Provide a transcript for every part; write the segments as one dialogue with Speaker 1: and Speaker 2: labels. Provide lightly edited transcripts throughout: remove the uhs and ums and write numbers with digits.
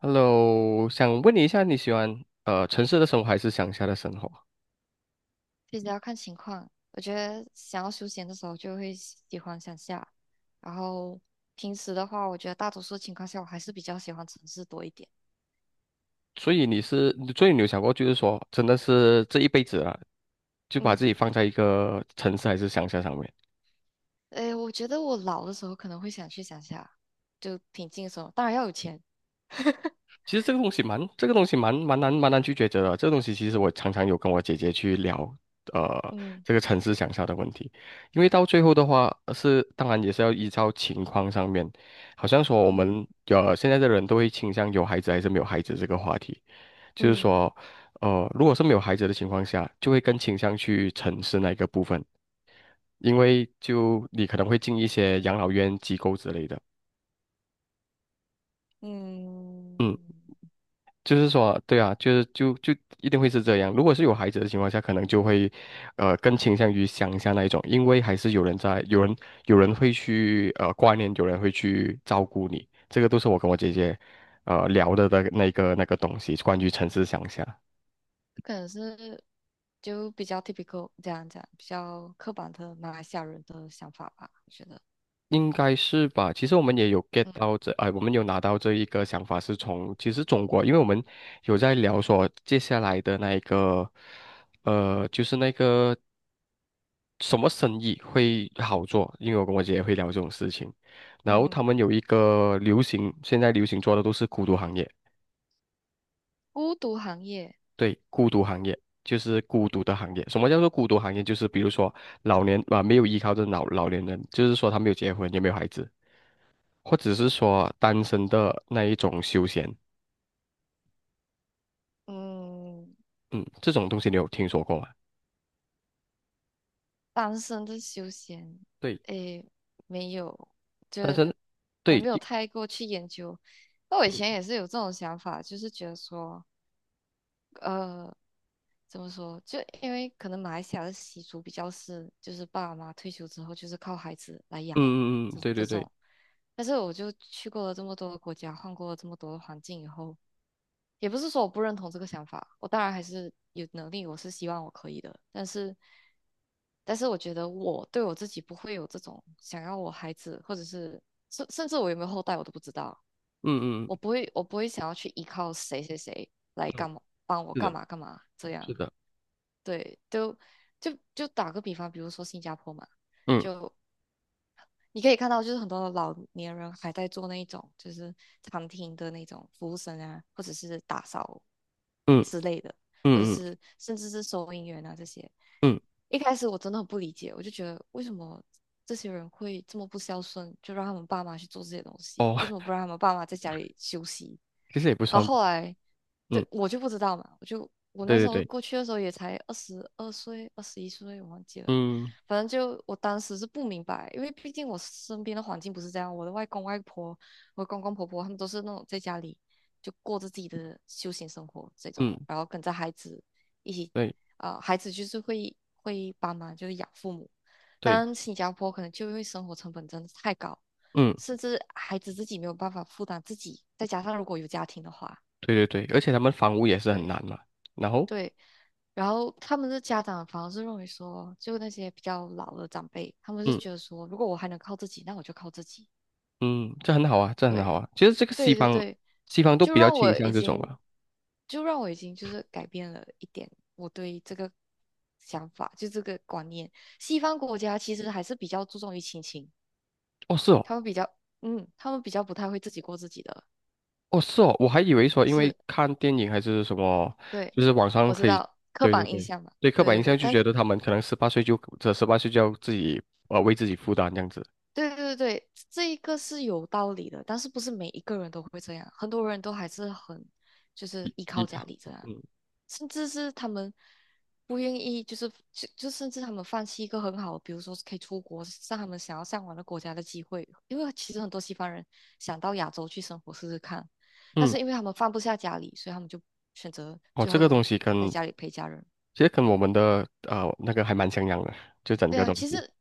Speaker 1: Hello，想问你一下，你喜欢城市的生活还是乡下的生活？
Speaker 2: 其实要看情况，我觉得想要休闲的时候就会喜欢乡下，然后平时的话，我觉得大多数情况下我还是比较喜欢城市多一点。
Speaker 1: 所以你是，所以你有想过，就是说，真的是这一辈子啊，就把
Speaker 2: 嗯，
Speaker 1: 自己放在一个城市还是乡下上面？
Speaker 2: 诶，我觉得我老的时候可能会想去乡下，就平静的时候，当然要有钱。
Speaker 1: 其实这个东西蛮难去抉择的。这个东西其实我常常有跟我姐姐去聊，呃，
Speaker 2: 嗯
Speaker 1: 这个城市乡下的问题，因为到最后的话是，当然也是要依照情况上面，好像说我
Speaker 2: 嗯
Speaker 1: 们现在的人都会倾向有孩子还是没有孩子这个话题。就是
Speaker 2: 嗯
Speaker 1: 说，如果是没有孩子的情况下，就会更倾向去城市那一个部分，因为就你可能会进一些养老院机构之类的。
Speaker 2: 嗯，
Speaker 1: 就是说，对啊，就是一定会是这样。如果是有孩子的情况下，可能就会，更倾向于乡下那一种，因为还是有人在，有人会去挂念，有人会去照顾你，这个都是我跟我姐姐，聊的那个东西，关于城市乡下。
Speaker 2: 可能是就比较 typical 这样讲，比较刻板的马来西亚人的想法吧，我觉得。
Speaker 1: 应该是吧？其实我们也有 get
Speaker 2: 嗯
Speaker 1: 到这，哎，我们有拿到这一个想法，是从其实中国，因为我们有在聊说接下来的那一个，就是那个什么生意会好做，因为我跟我姐姐会聊这种事情，然后他
Speaker 2: 嗯，
Speaker 1: 们有一个流行，现在流行做的都是孤独行业，
Speaker 2: 孤独行业，
Speaker 1: 对，孤独行业。就是孤独的行业。什么叫做孤独行业？就是比如说老年啊，没有依靠的老年人，就是说他没有结婚，也没有孩子，或者是说单身的那一种休闲，
Speaker 2: 嗯。
Speaker 1: 嗯，这种东西你有听说过吗？
Speaker 2: 单身的休闲，
Speaker 1: 对，
Speaker 2: 诶，没有，就
Speaker 1: 单
Speaker 2: 是
Speaker 1: 身，
Speaker 2: 我
Speaker 1: 对，
Speaker 2: 没有
Speaker 1: 就
Speaker 2: 太过去研究。那我以前
Speaker 1: 嗯
Speaker 2: 也是有这种想法，就是觉得说，呃，怎么说？就因为可能马来西亚的习俗比较是，就是爸爸妈妈退休之后就是靠孩子来养，
Speaker 1: 嗯嗯嗯，
Speaker 2: 这
Speaker 1: 对
Speaker 2: 这
Speaker 1: 对对，
Speaker 2: 种。但是我就去过了这么多的国家，换过了这么多的环境以后，也不是说我不认同这个想法，我当然还是有能力，我是希望我可以的。但是我觉得我对我自己不会有这种想要我孩子，或者是甚至我有没有后代我都不知道，
Speaker 1: 嗯
Speaker 2: 我
Speaker 1: 嗯
Speaker 2: 不会我不会想要去依靠谁谁谁来
Speaker 1: 嗯嗯，
Speaker 2: 干嘛帮我
Speaker 1: 是
Speaker 2: 干
Speaker 1: 的，
Speaker 2: 嘛干嘛这
Speaker 1: 是
Speaker 2: 样。
Speaker 1: 的，
Speaker 2: 对，都就打个比方，比如说新加坡嘛，
Speaker 1: 嗯
Speaker 2: 就你可以看到，就是很多的老年人还在做那一种，就是餐厅的那种服务生啊，或者是打扫
Speaker 1: 嗯
Speaker 2: 之类的，或者
Speaker 1: 嗯嗯
Speaker 2: 是甚至是收银员啊这些。
Speaker 1: 嗯，
Speaker 2: 一开始我真的很不理解，我就觉得为什么这些人会这么不孝顺，就让他们爸妈去做这些东西，
Speaker 1: 哦，
Speaker 2: 为什么不让他们爸妈在家里休息，
Speaker 1: 其实也不
Speaker 2: 然后
Speaker 1: 算吧，
Speaker 2: 后来，
Speaker 1: 嗯，
Speaker 2: 对，我就不知道嘛，我
Speaker 1: 对
Speaker 2: 那时候
Speaker 1: 对对，
Speaker 2: 过去的时候也才22岁、21岁，我忘记了。
Speaker 1: 嗯
Speaker 2: 反正就我当时是不明白，因为毕竟我身边的环境不是这样，我的外公外婆、我的公公婆婆他们都是那种在家里就过着自己的休闲生活这种，
Speaker 1: 嗯，
Speaker 2: 然后跟着孩子一起，
Speaker 1: 对
Speaker 2: 啊、孩子就是会帮忙，就是养父母。当
Speaker 1: 对，
Speaker 2: 然，新加坡可能就因为生活成本真的太高，
Speaker 1: 嗯
Speaker 2: 甚至孩子自己没有办法负担自己，再加上如果有家庭的话，
Speaker 1: 对对对，而且他们房屋也是很
Speaker 2: 对
Speaker 1: 难嘛，然后
Speaker 2: 对，然后他们的家长反而是认为说，就那些比较老的长辈，他们是
Speaker 1: 嗯
Speaker 2: 觉得说，如果我还能靠自己，那我就靠自己。
Speaker 1: 嗯，这很好啊，这很好
Speaker 2: 对
Speaker 1: 啊，其实这个西
Speaker 2: 对对
Speaker 1: 方
Speaker 2: 对，
Speaker 1: 西方都
Speaker 2: 就
Speaker 1: 比较
Speaker 2: 让
Speaker 1: 倾
Speaker 2: 我已
Speaker 1: 向这种
Speaker 2: 经，
Speaker 1: 啊，
Speaker 2: 就让我已经就是改变了一点我对这个想法，就这个观念。西方国家其实还是比较注重于亲情，
Speaker 1: 哦是哦。
Speaker 2: 他们比较，嗯，他们比较不太会自己过自己的，
Speaker 1: 哦，是哦，我还以为说，因为
Speaker 2: 是。
Speaker 1: 看电影还是什么，
Speaker 2: 对，
Speaker 1: 就是网上
Speaker 2: 我知
Speaker 1: 可以，
Speaker 2: 道刻
Speaker 1: 对对
Speaker 2: 板印
Speaker 1: 对，
Speaker 2: 象嘛，
Speaker 1: 对刻
Speaker 2: 对
Speaker 1: 板印
Speaker 2: 对
Speaker 1: 象
Speaker 2: 对，
Speaker 1: 就
Speaker 2: 但
Speaker 1: 觉得他们可能十八岁就要自己为自己负担这样子。
Speaker 2: 对对对这一个是有道理的，但是不是每一个人都会这样，很多人都还是很就是依
Speaker 1: 一
Speaker 2: 靠家里这样，
Speaker 1: 嗯
Speaker 2: 甚至是他们不愿意，就是就就甚至他们放弃一个很好的比如说是可以出国，上他们想要向往的国家的机会，因为其实很多西方人想到亚洲去生活试试看，但
Speaker 1: 嗯，
Speaker 2: 是因为他们放不下家里，所以他们就选择
Speaker 1: 哦，
Speaker 2: 最
Speaker 1: 这
Speaker 2: 后
Speaker 1: 个
Speaker 2: 留
Speaker 1: 东西
Speaker 2: 在
Speaker 1: 跟
Speaker 2: 家里陪家人。
Speaker 1: 其实跟我们的那个还蛮像样的，就整
Speaker 2: 对
Speaker 1: 个
Speaker 2: 啊，
Speaker 1: 东
Speaker 2: 其
Speaker 1: 西
Speaker 2: 实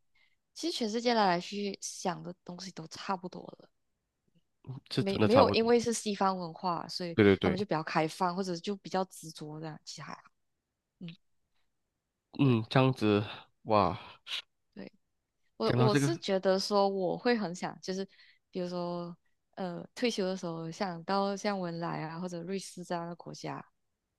Speaker 2: 其实全世界来来去去想的东西都差不多了，
Speaker 1: 是真
Speaker 2: 没
Speaker 1: 的
Speaker 2: 没
Speaker 1: 差
Speaker 2: 有
Speaker 1: 不
Speaker 2: 因
Speaker 1: 多。
Speaker 2: 为是西方文化，所以
Speaker 1: 对对
Speaker 2: 他
Speaker 1: 对，
Speaker 2: 们就比较开放，或者就比较执着这样，其实还好。嗯，对
Speaker 1: 嗯，这样子哇，
Speaker 2: 对，我
Speaker 1: 讲到
Speaker 2: 我
Speaker 1: 这个
Speaker 2: 是觉得说我会很想，就是比如说退休的时候想到像文莱啊或者瑞士这样的国家，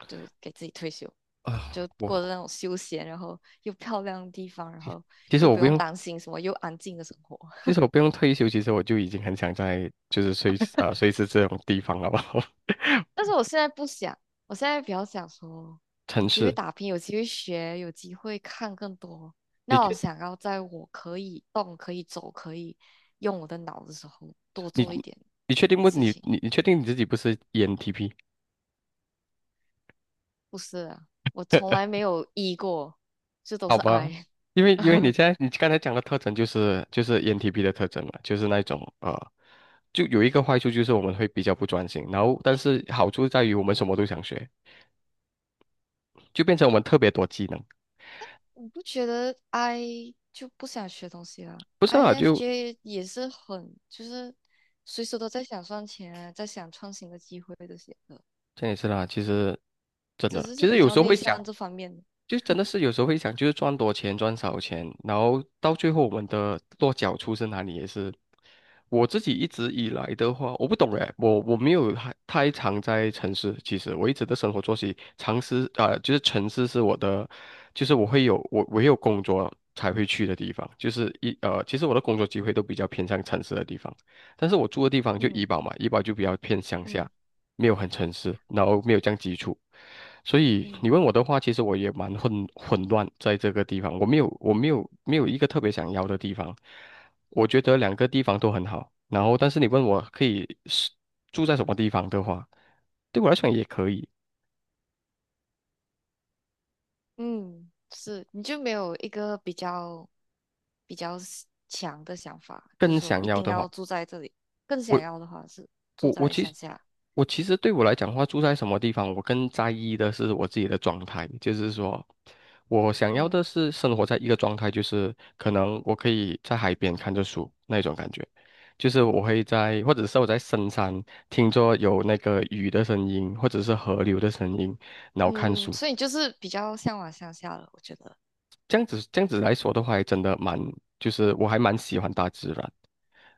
Speaker 2: 就给自己退休，
Speaker 1: 啊、
Speaker 2: 就
Speaker 1: 我
Speaker 2: 过着那种休闲，然后又漂亮的地方，然
Speaker 1: 其
Speaker 2: 后
Speaker 1: 其实
Speaker 2: 又
Speaker 1: 我
Speaker 2: 不
Speaker 1: 不
Speaker 2: 用
Speaker 1: 用，
Speaker 2: 担心什么，又安静的生活。
Speaker 1: 其实我不用退休，其实我就已经很想在就是瑞士啊、瑞士这种地方了吧。
Speaker 2: 但是我现在不想，我现在比较想说，有
Speaker 1: 城
Speaker 2: 机会
Speaker 1: 市，
Speaker 2: 打拼，有机会学，有机会看更多。
Speaker 1: 你
Speaker 2: 那我
Speaker 1: 确
Speaker 2: 想要在我可以动、可以走、可以用我的脑的时候，多
Speaker 1: 你
Speaker 2: 做一点事
Speaker 1: 你
Speaker 2: 情。
Speaker 1: 你你确定你自己不是 ENTP？
Speaker 2: 不是啊，我从来没有 E 过，这 都
Speaker 1: 好
Speaker 2: 是
Speaker 1: 吧，
Speaker 2: I。
Speaker 1: 因为你 现在你刚才讲的特征就是ENTP 的特征了，就是那种就有一个坏处就是我们会比较不专心，然后但是好处在于我们什么都想学，就变成我们特别多技能。
Speaker 2: 我不觉得 I 就不想学东西啊。
Speaker 1: 不是
Speaker 2: i
Speaker 1: 啊？
Speaker 2: n f
Speaker 1: 就
Speaker 2: j 也是很就是随时都在想赚钱啊，在想创新的机会这些的。
Speaker 1: 这样也是啦，其实真
Speaker 2: 只
Speaker 1: 的，
Speaker 2: 是
Speaker 1: 其
Speaker 2: 是
Speaker 1: 实
Speaker 2: 比
Speaker 1: 有
Speaker 2: 较
Speaker 1: 时候
Speaker 2: 内
Speaker 1: 会想。
Speaker 2: 向这方面的。
Speaker 1: 就真的是有时候会想，就是赚多钱赚少钱，然后到最后我们的落脚处是哪里，也是我自己一直以来的话，我不懂哎，我没有太常在城市，其实我一直的生活作息，常是啊、就是城市是我的，就是我有工作才会去的地方，就是其实我的工作机会都比较偏向城市的地方，但是我住的地方就怡
Speaker 2: 嗯
Speaker 1: 保嘛，怡保就比较偏乡下。
Speaker 2: 嗯
Speaker 1: 没有很诚实，然后没有这样基础，所以你
Speaker 2: 嗯
Speaker 1: 问我的话，其实我也蛮混乱在这个地方，我没有一个特别想要的地方，我觉得两个地方都很好，然后但是你问我可以是住在什么地方的话，对我来讲也可以，
Speaker 2: 嗯，是，你就没有一个比较 强的想法，就是
Speaker 1: 更
Speaker 2: 说
Speaker 1: 想
Speaker 2: 一
Speaker 1: 要
Speaker 2: 定
Speaker 1: 的话。
Speaker 2: 要住在这里。更想
Speaker 1: 我。
Speaker 2: 要的话是住
Speaker 1: 我我
Speaker 2: 在
Speaker 1: 其实
Speaker 2: 乡下。
Speaker 1: 我其实对我来讲的话，住在什么地方，我更在意的是我自己的状态，就是说，我想要的
Speaker 2: 嗯
Speaker 1: 是生活在一个状态，就是可能我可以在海边看着书那种感觉，就是我会在，或者是我在深山听着有那个雨的声音，或者是河流的声音，然后看
Speaker 2: 嗯，
Speaker 1: 书，
Speaker 2: 所以你就是比较向往乡下了，我觉得。
Speaker 1: 这样子来说的话，还真的蛮，就是我还蛮喜欢大自然，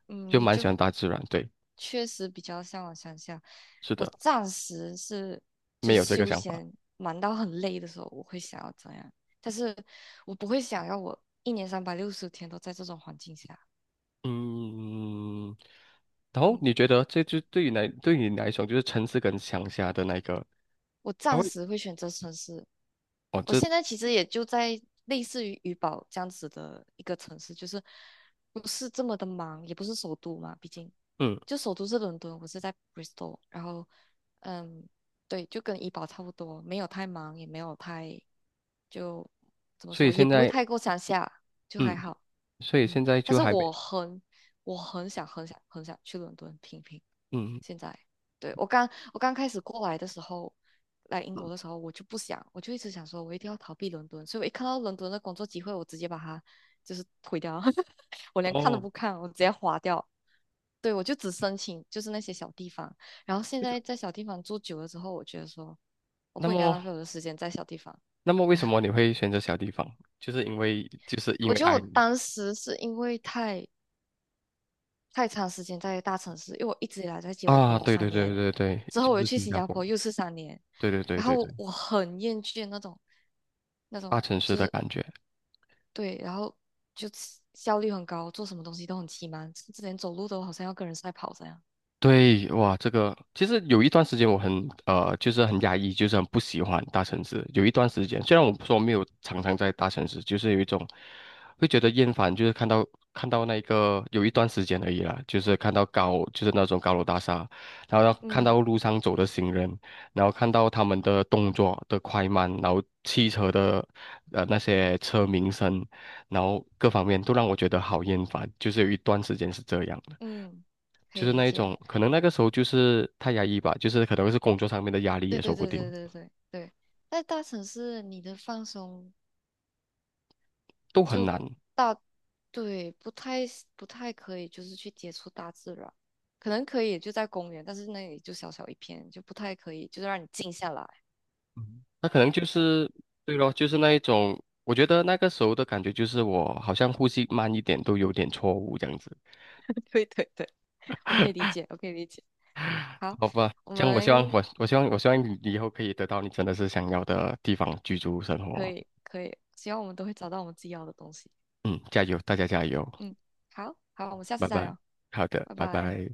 Speaker 2: 嗯，
Speaker 1: 就
Speaker 2: 你
Speaker 1: 蛮喜
Speaker 2: 就
Speaker 1: 欢大自然，对，
Speaker 2: 确实比较向往乡下。
Speaker 1: 是
Speaker 2: 我
Speaker 1: 的，
Speaker 2: 暂时是就
Speaker 1: 没
Speaker 2: 是
Speaker 1: 有这个
Speaker 2: 休
Speaker 1: 想法。
Speaker 2: 闲忙到很累的时候，我会想要这样，但是我不会想要我一年360天都在这种环境下。
Speaker 1: 嗯，然后
Speaker 2: 嗯，
Speaker 1: 你觉得这就对于来对于你来说，就是城市跟乡下的那个，
Speaker 2: 我
Speaker 1: 它
Speaker 2: 暂
Speaker 1: 会
Speaker 2: 时会选择城市。
Speaker 1: 哦
Speaker 2: 我
Speaker 1: 这
Speaker 2: 现在其实也就在类似于怡保这样子的一个城市，就是不是这么的忙，也不是首都嘛，毕竟
Speaker 1: 嗯，
Speaker 2: 就首都是伦敦，我是在 Bristol，然后嗯，对，就跟怡保差不多，没有太忙，也没有太就怎么
Speaker 1: 所以
Speaker 2: 说，也
Speaker 1: 现
Speaker 2: 不会
Speaker 1: 在
Speaker 2: 太过乡下，就还
Speaker 1: 嗯，
Speaker 2: 好，
Speaker 1: 所以
Speaker 2: 嗯，
Speaker 1: 现在
Speaker 2: 但
Speaker 1: 就
Speaker 2: 是
Speaker 1: 还没
Speaker 2: 我很想很想很想去伦敦拼拼，
Speaker 1: 嗯
Speaker 2: 现在。对，我刚开始过来的时候。来英国
Speaker 1: 嗯
Speaker 2: 的时候，我就不想，我就一直想说，我一定要逃避伦敦，所以我一看到伦敦的工作机会，我直接把它就是推掉，我连看都
Speaker 1: 哦，
Speaker 2: 不看，我直接划掉。对，我就只申请就是那些小地方，然后现
Speaker 1: 为什
Speaker 2: 在在小地方住久了之后，我觉得说我
Speaker 1: 那
Speaker 2: 不应该
Speaker 1: 么
Speaker 2: 浪费我的时间在小地方。
Speaker 1: 那么为什么你会选择小地方？就是因为就是因
Speaker 2: 我
Speaker 1: 为
Speaker 2: 觉得
Speaker 1: 爱
Speaker 2: 我
Speaker 1: 你
Speaker 2: 当时是因为太长时间在大城市，因为我一直以来在吉隆
Speaker 1: 啊，
Speaker 2: 坡
Speaker 1: 对对
Speaker 2: 三
Speaker 1: 对
Speaker 2: 年，
Speaker 1: 对对，
Speaker 2: 之后
Speaker 1: 就
Speaker 2: 我又
Speaker 1: 是
Speaker 2: 去
Speaker 1: 新
Speaker 2: 新
Speaker 1: 加
Speaker 2: 加
Speaker 1: 坡，
Speaker 2: 坡又是三年，
Speaker 1: 对对对
Speaker 2: 然
Speaker 1: 对对，
Speaker 2: 后我很厌倦那种那
Speaker 1: 大
Speaker 2: 种
Speaker 1: 城市
Speaker 2: 就
Speaker 1: 的
Speaker 2: 是
Speaker 1: 感觉，
Speaker 2: 对，然后就起效率很高，做什么东西都很奇忙，甚至连走路都好像要跟人赛跑这样。
Speaker 1: 对，哇，这个其实有一段时间我很就是很压抑，就是很不喜欢大城市。有一段时间，虽然我说没有常常在大城市，就是有一种会觉得厌烦，就是看到那个有一段时间而已啦，就是看到就是那种高楼大厦，然后要看
Speaker 2: 嗯
Speaker 1: 到路上走的行人，然后看到他们的动作的快慢，然后汽车的那些车鸣声，然后各方面都让我觉得好厌烦，就是有一段时间是这样。
Speaker 2: 嗯，可
Speaker 1: 就
Speaker 2: 以
Speaker 1: 是
Speaker 2: 理
Speaker 1: 那一
Speaker 2: 解。
Speaker 1: 种，可能那个时候就是太压抑吧，就是可能是工作上面的压力
Speaker 2: 对
Speaker 1: 也说
Speaker 2: 对
Speaker 1: 不
Speaker 2: 对
Speaker 1: 定，
Speaker 2: 对对对对，在大城市你的放松
Speaker 1: 都很
Speaker 2: 就
Speaker 1: 难。
Speaker 2: 大，对，不太可以，就是去接触大自然，可能可以就在公园，但是那里就小小一片，就不太可以，就是让你静下来。
Speaker 1: 嗯那可能就是，对咯，就是那一种，我觉得那个时候的感觉就是我好像呼吸慢一点都有点错误这样子，
Speaker 2: 对对对，我可以理解，我可以理解。好，
Speaker 1: 好吧？
Speaker 2: 我
Speaker 1: 这样我希望
Speaker 2: 们
Speaker 1: 你以后可以得到你真的是想要的地方居住生
Speaker 2: 可
Speaker 1: 活，
Speaker 2: 以可以，希望我们都会找到我们自己要的东西。
Speaker 1: 嗯，加油，大家加油，
Speaker 2: 嗯，好好，我们下次
Speaker 1: 拜
Speaker 2: 再
Speaker 1: 拜，
Speaker 2: 聊，
Speaker 1: 好的，
Speaker 2: 拜
Speaker 1: 拜
Speaker 2: 拜。
Speaker 1: 拜。